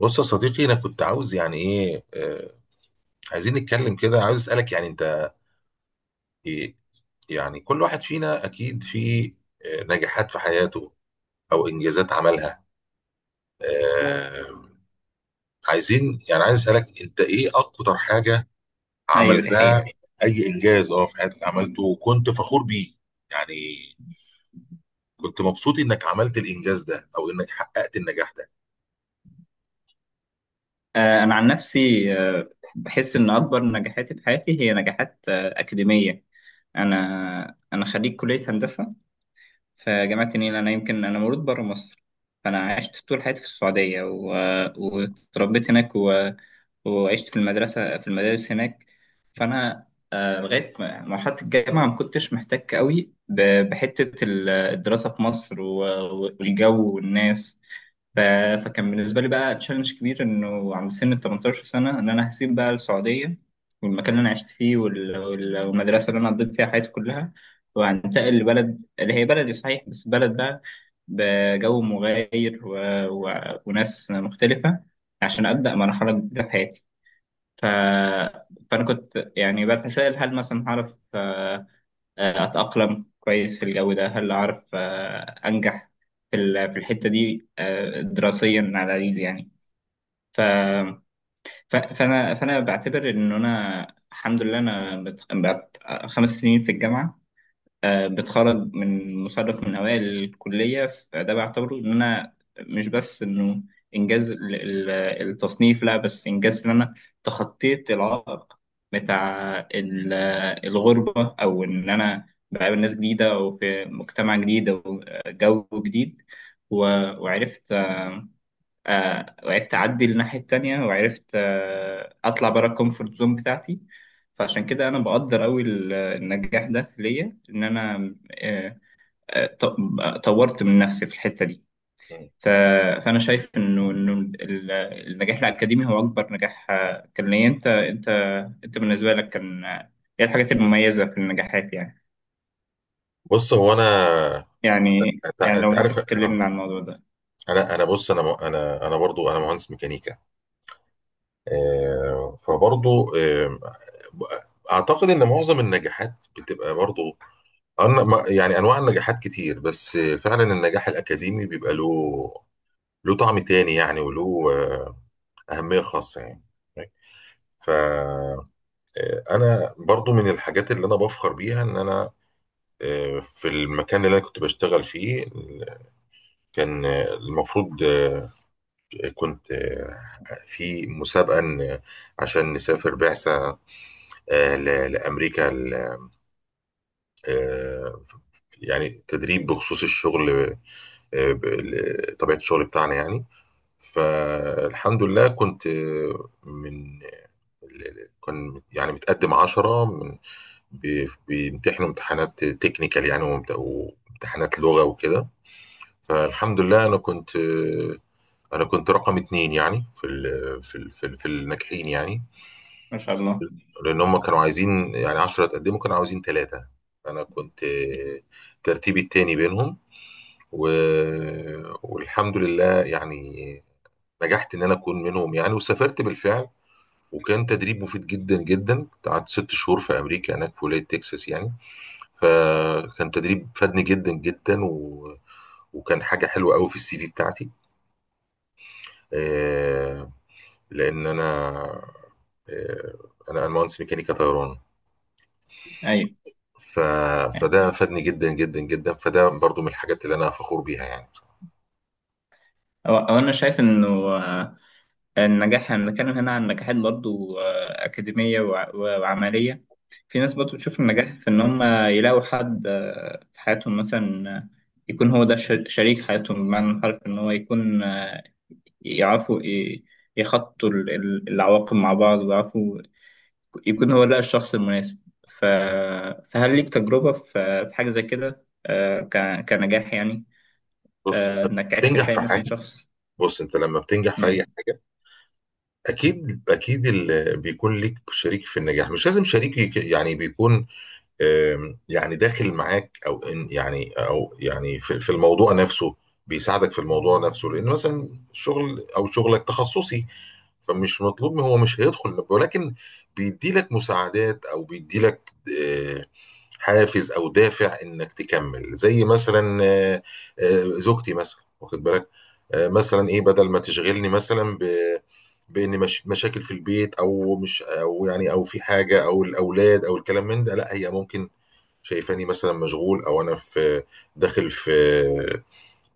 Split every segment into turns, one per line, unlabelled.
بص يا صديقي، انا كنت عاوز يعني ايه عايزين نتكلم كده، عاوز اسالك يعني انت إيه. يعني كل واحد فينا اكيد في نجاحات في حياته او انجازات عملها. آه عايزين يعني عايز اسالك، انت ايه اكتر حاجه
ايوه، دي
عملتها؟
حقيقة.
اي انجاز في حياتك عملته وكنت فخور بيه يعني، كنت مبسوط انك عملت الانجاز ده او انك حققت النجاح ده.
انا عن نفسي. بحس ان اكبر نجاحاتي في حياتي هي نجاحات اكاديمية. انا انا خريج كلية هندسة في جامعة النيل. انا يمكن انا مولود بره مصر. فانا عشت طول حياتي في السعودية و... آه، واتربيت هناك وعشت في المدارس هناك. فأنا لغاية مرحلة الجامعة ما كنتش محتاج قوي بحتة الدراسة في مصر والجو والناس. ف... فكان بالنسبة لي بقى تشالنج كبير، إنه عند سن ال 18 سنة إن أنا هسيب بقى السعودية والمكان اللي أنا عشت فيه والمدرسة اللي أنا قضيت فيها حياتي كلها، وهنتقل لبلد اللي هي بلدي صحيح بس بلد بقى بجو مغاير و... وناس مختلفة، عشان أبدأ مرحلة جديدة في حياتي. ف... فأنا كنت يعني بتساءل، هل مثلا هعرف اتاقلم كويس في الجو ده، هل اعرف انجح في الحته دي دراسيا على الاقل، يعني. ف فانا بعتبر ان انا، الحمد لله، انا خمس سنين في الجامعه بتخرج من مصنف من أوائل الكلية. فده بعتبره إن أنا مش بس إنه إنجاز التصنيف، لا، بس إنجاز إن أنا تخطيت العائق بتاع الغربة، أو إن أنا بقابل ناس جديدة أو في مجتمع جديد أو جو جديد و- وعرفت اعدي للناحيه التانية، وعرفت اطلع بره الكومفورت زون بتاعتي. فعشان كده انا بقدر قوي النجاح ده ليا، ان انا آه، آه، ط- طورت من نفسي في الحته دي.
مم.
ف- فانا شايف انه النجاح الاكاديمي هو اكبر نجاح كان ليا. انت بالنسبه لك كان ايه الحاجات المميزه في النجاحات؟ يعني،
بص هو انا،
يعني
انت
يعني لو
أنت عارف.
ممكن تكلمنا عن الموضوع ده.
انا بص، انا برضو انا مهندس ميكانيكا. فبرضو اعتقد ان معظم النجاحات بتبقى برضو يعني انواع النجاحات كتير، بس فعلا النجاح الاكاديمي بيبقى له له طعم تاني يعني، وله اهمية خاصة يعني. ف آه، انا برضو من الحاجات اللي انا بفخر بيها ان انا في المكان اللي انا كنت بشتغل فيه، كان المفروض كنت في مسابقة عشان نسافر بعثة لأمريكا آه، يعني تدريب بخصوص الشغل. طبيعة الشغل بتاعنا يعني. فالحمد لله، كنت آه، من كان يعني متقدم 10، بيمتحنوا امتحانات تكنيكال يعني، وامتحانات لغة وكده. فالحمد لله أنا كنت أنا كنت رقم 2 يعني، في في الناجحين يعني.
ما شاء الله.
لان هم كانوا عايزين يعني 10 اتقدموا، كانوا عاوزين 3، انا كنت ترتيبي التاني بينهم. و... والحمد لله يعني نجحت ان انا اكون منهم يعني، وسافرت بالفعل. وكان تدريب مفيد جدا جدا، قعدت 6 شهور في امريكا هناك في ولايه تكساس يعني. فكان تدريب فادني جدا جدا، وكان حاجه حلوه قوي في السي في بتاعتي. آه، لان انا آه، انا مهندس ميكانيكا طيران.
ايوه.
ف...
أيوة.
فده فادني جدا جدا جدا، فده برضو من الحاجات اللي انا فخور بيها يعني.
هو انا شايف انه النجاح، هنتكلم هنا عن نجاحات برضو أكاديمية وعملية. في ناس برضو بتشوف النجاح في إن هم يلاقوا حد في حياتهم مثلا، يكون هو ده شريك حياتهم، بمعنى الحرف، إن هو يكون يعرفوا يخطوا العواقب مع بعض، ويعرفوا يكون هو ده الشخص المناسب. ف... فهل ليك تجربة في حاجة زي كده، كنجاح يعني،
بص انت
إنك عرفت
بتنجح
تلاقي
في
مثلا
حاجه،
شخص،
بص انت لما بتنجح في
يعني.
اي حاجه اكيد اكيد اللي بيكون ليك شريك في النجاح، مش لازم شريك يعني بيكون يعني داخل معاك، او إن يعني او يعني في الموضوع نفسه، بيساعدك في الموضوع نفسه. لان مثلا شغل او شغلك تخصصي، فمش مطلوب، هو مش هيدخل، ولكن بيدي لك مساعدات او بيدي لك حافز او دافع انك تكمل. زي مثلا زوجتي مثلا، واخد بالك، مثلا ايه، بدل ما تشغلني مثلا بان مش مشاكل في البيت او مش او يعني او في حاجه او الاولاد او الكلام من ده، لا، هي ممكن شايفاني مثلا مشغول او انا في داخل في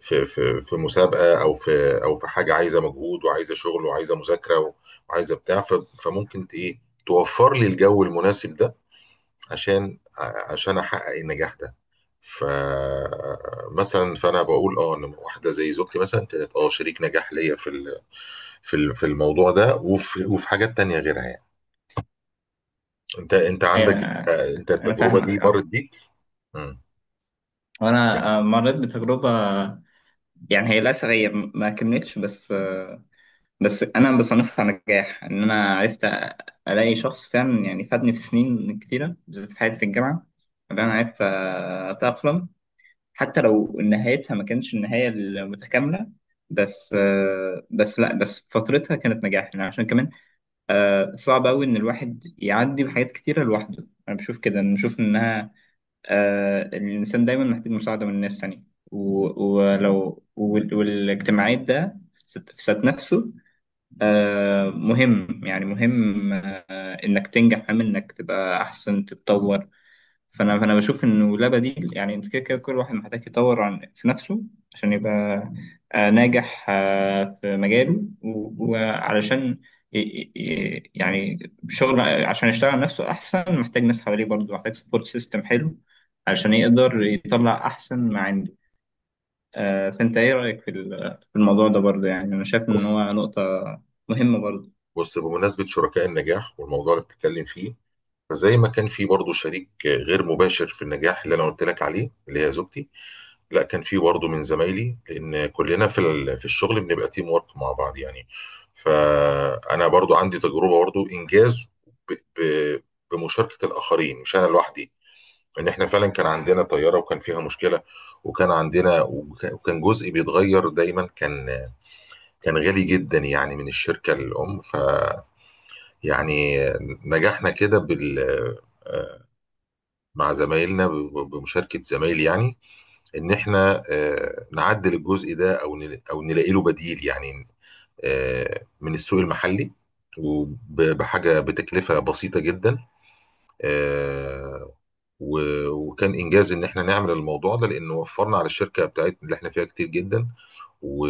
في مسابقه او في او في حاجه عايزه مجهود وعايزه شغل وعايزه مذاكره وعايزه بتاع، فممكن ايه توفر لي الجو المناسب ده عشان عشان احقق النجاح ده. فمثلا فانا بقول اه ان واحده زي زوجتي مثلا كانت اه شريك نجاح ليا في في الموضوع ده وفي حاجات تانية غيرها يعني. انت
أيوة،
عندك انت
أنا
التجربه
فاهمك.
دي مرت
آه.
بيك. مم. يعني
وانا مريت بتجربه، يعني. هي، للاسف، ما كملتش، بس بس انا بصنفها نجاح ان انا عرفت الاقي شخص فعلا، يعني فادني في سنين كتيره، بالذات في حياتي في الجامعه اللي انا عرفت اتاقلم. حتى لو نهايتها ما كانتش النهايه المتكامله، بس بس لا بس فترتها كانت نجاح، يعني. عشان كمان صعب قوي ان الواحد يعدي بحاجات كتيره لوحده. انا بشوف كده، أنا بشوف انها الإنسان دايما محتاج مساعدة من الناس تانية. ولو والاجتماعية ده في ذات نفسه مهم، يعني مهم إنك تنجح، مهم إنك تبقى أحسن، تتطور. فانا بشوف انه لا بديل، يعني انت كده كده كل واحد محتاج يطور عن في نفسه، عشان يبقى ناجح في مجاله، وعلشان يعني شغل، عشان يشتغل على نفسه احسن محتاج ناس حواليه برضه، محتاج سبورت سيستم حلو علشان يقدر يطلع احسن ما عنده. فانت ايه رايك في الموضوع ده برضه، يعني؟ انا شايف ان
بص
هو نقطة مهمة برضه.
بص بمناسبه شركاء النجاح والموضوع اللي بتتكلم فيه، فزي ما كان في برضه شريك غير مباشر في النجاح اللي انا قلت لك عليه اللي هي زوجتي، لا كان في برضه من زمايلي، لان كلنا في في الشغل بنبقى تيم ورك مع بعض يعني. فانا برضه عندي تجربه برضه انجاز ب- ب- بمشاركه الاخرين، مش انا لوحدي. لان احنا فعلا كان عندنا طياره وكان فيها مشكله، وكان عندنا وكان جزء بيتغير دايما، كان كان غالي جدا يعني من الشركه الام. فيعني نجحنا كده بال مع زمايلنا بمشاركه زمايلي يعني، ان احنا نعدل الجزء ده او او نلاقي له بديل يعني، من السوق المحلي وبحاجه بتكلفه بسيطه جدا. آه، وكان انجاز ان احنا نعمل الموضوع ده، لانه وفرنا على الشركه بتاعتنا اللي احنا فيها كتير جدا. و-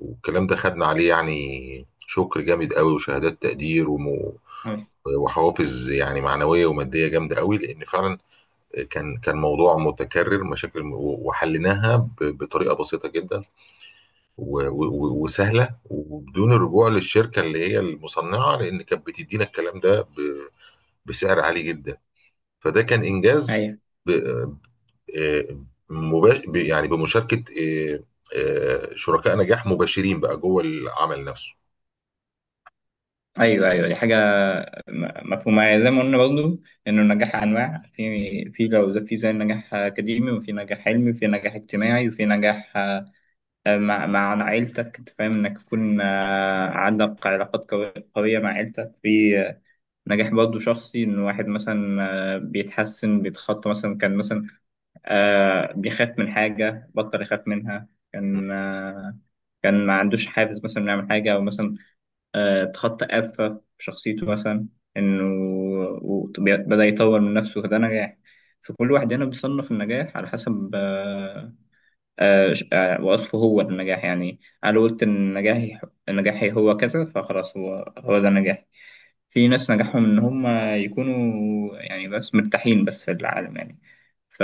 والكلام ده خدنا عليه يعني شكر جامد قوي وشهادات تقدير وحوافز يعني معنويه وماديه جامده قوي، لان فعلا كان كان موضوع متكرر مشاكل، وحليناها بطريقه بسيطه جدا وسهله، وبدون الرجوع للشركه اللي هي المصنعه، لان كانت بتدينا الكلام ده بسعر عالي جدا. فده كان انجاز
أيوة.
ب- آه، يعني بمشاركه شركاء نجاح مباشرين بقى جوه العمل نفسه.
ايوه، ايوه، دي حاجه مفهومه، يعني زي ما قلنا برضه، انه النجاح انواع، في لو في زي نجاح اكاديمي، وفي نجاح علمي، وفي نجاح اجتماعي، وفي نجاح مع عيلتك، انت فاهم، انك تكون عندك علاقات قويه مع عيلتك، في نجاح برضه شخصي، ان واحد مثلا بيتحسن، بيتخطى مثلا، كان مثلا بيخاف من حاجه بطل يخاف منها،
م.
كان كان ما عندوش حافز مثلا انه يعمل حاجه، او مثلا اتخطى آفة في شخصيته مثلا، إنه بدأ يطور من نفسه، فده نجاح. فكل واحد هنا بيصنف النجاح على حسب وصفه هو للنجاح، يعني. أنا قلت إن نجاحي هو كذا، فخلاص، هو ده نجاحي. في ناس نجاحهم إن هم يكونوا، يعني، بس مرتاحين بس في العالم، يعني. ف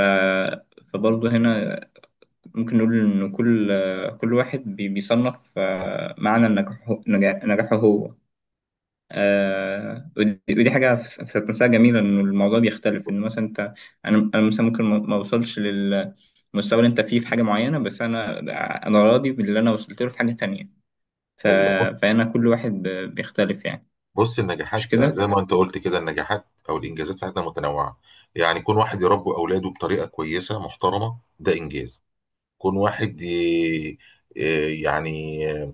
فبرضه هنا ممكن نقول إن كل واحد بيصنف معنى نجاحه هو. ودي حاجة في ذات نفسها جميلة، إن الموضوع بيختلف، إن مثلا أنا، مثلا ممكن ما أوصلش للمستوى اللي أنت فيه في حاجة معينة، بس أنا راضي باللي أنا وصلت له في حاجة تانية. ف...
ايوه،
فأنا، كل واحد بيختلف، يعني.
بص
مش
النجاحات
كده؟
زي ما انت قلت كده، النجاحات او الانجازات في حياتنا متنوعه يعني. كون واحد يربي اولاده بطريقه كويسه محترمه ده انجاز. كون واحد يعني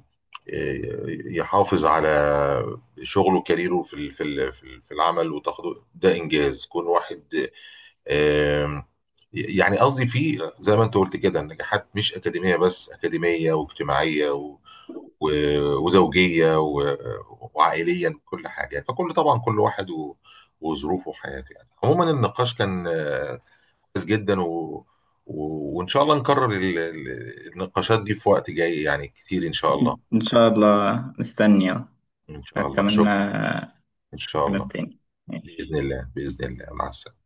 يحافظ على شغله وكاريره في في العمل وتاخده، ده انجاز. كون واحد آم، يعني قصدي في، زي ما انت قلت كده، النجاحات مش اكاديميه بس، اكاديميه واجتماعيه و... وزوجيه وعائليا كل حاجه. فكل، طبعا كل واحد وظروفه وحياته يعني. عموما النقاش كان كويس جدا و... وان شاء الله نكرر النقاشات دي في وقت جاي يعني كتير ان شاء الله.
إن شاء الله، مستني.
ان شاء الله،
أتمنى
شكرا. ان شا
كلام
الله،
تاني.
باذن
ماشي.
الله، باذن الله، مع السلامه.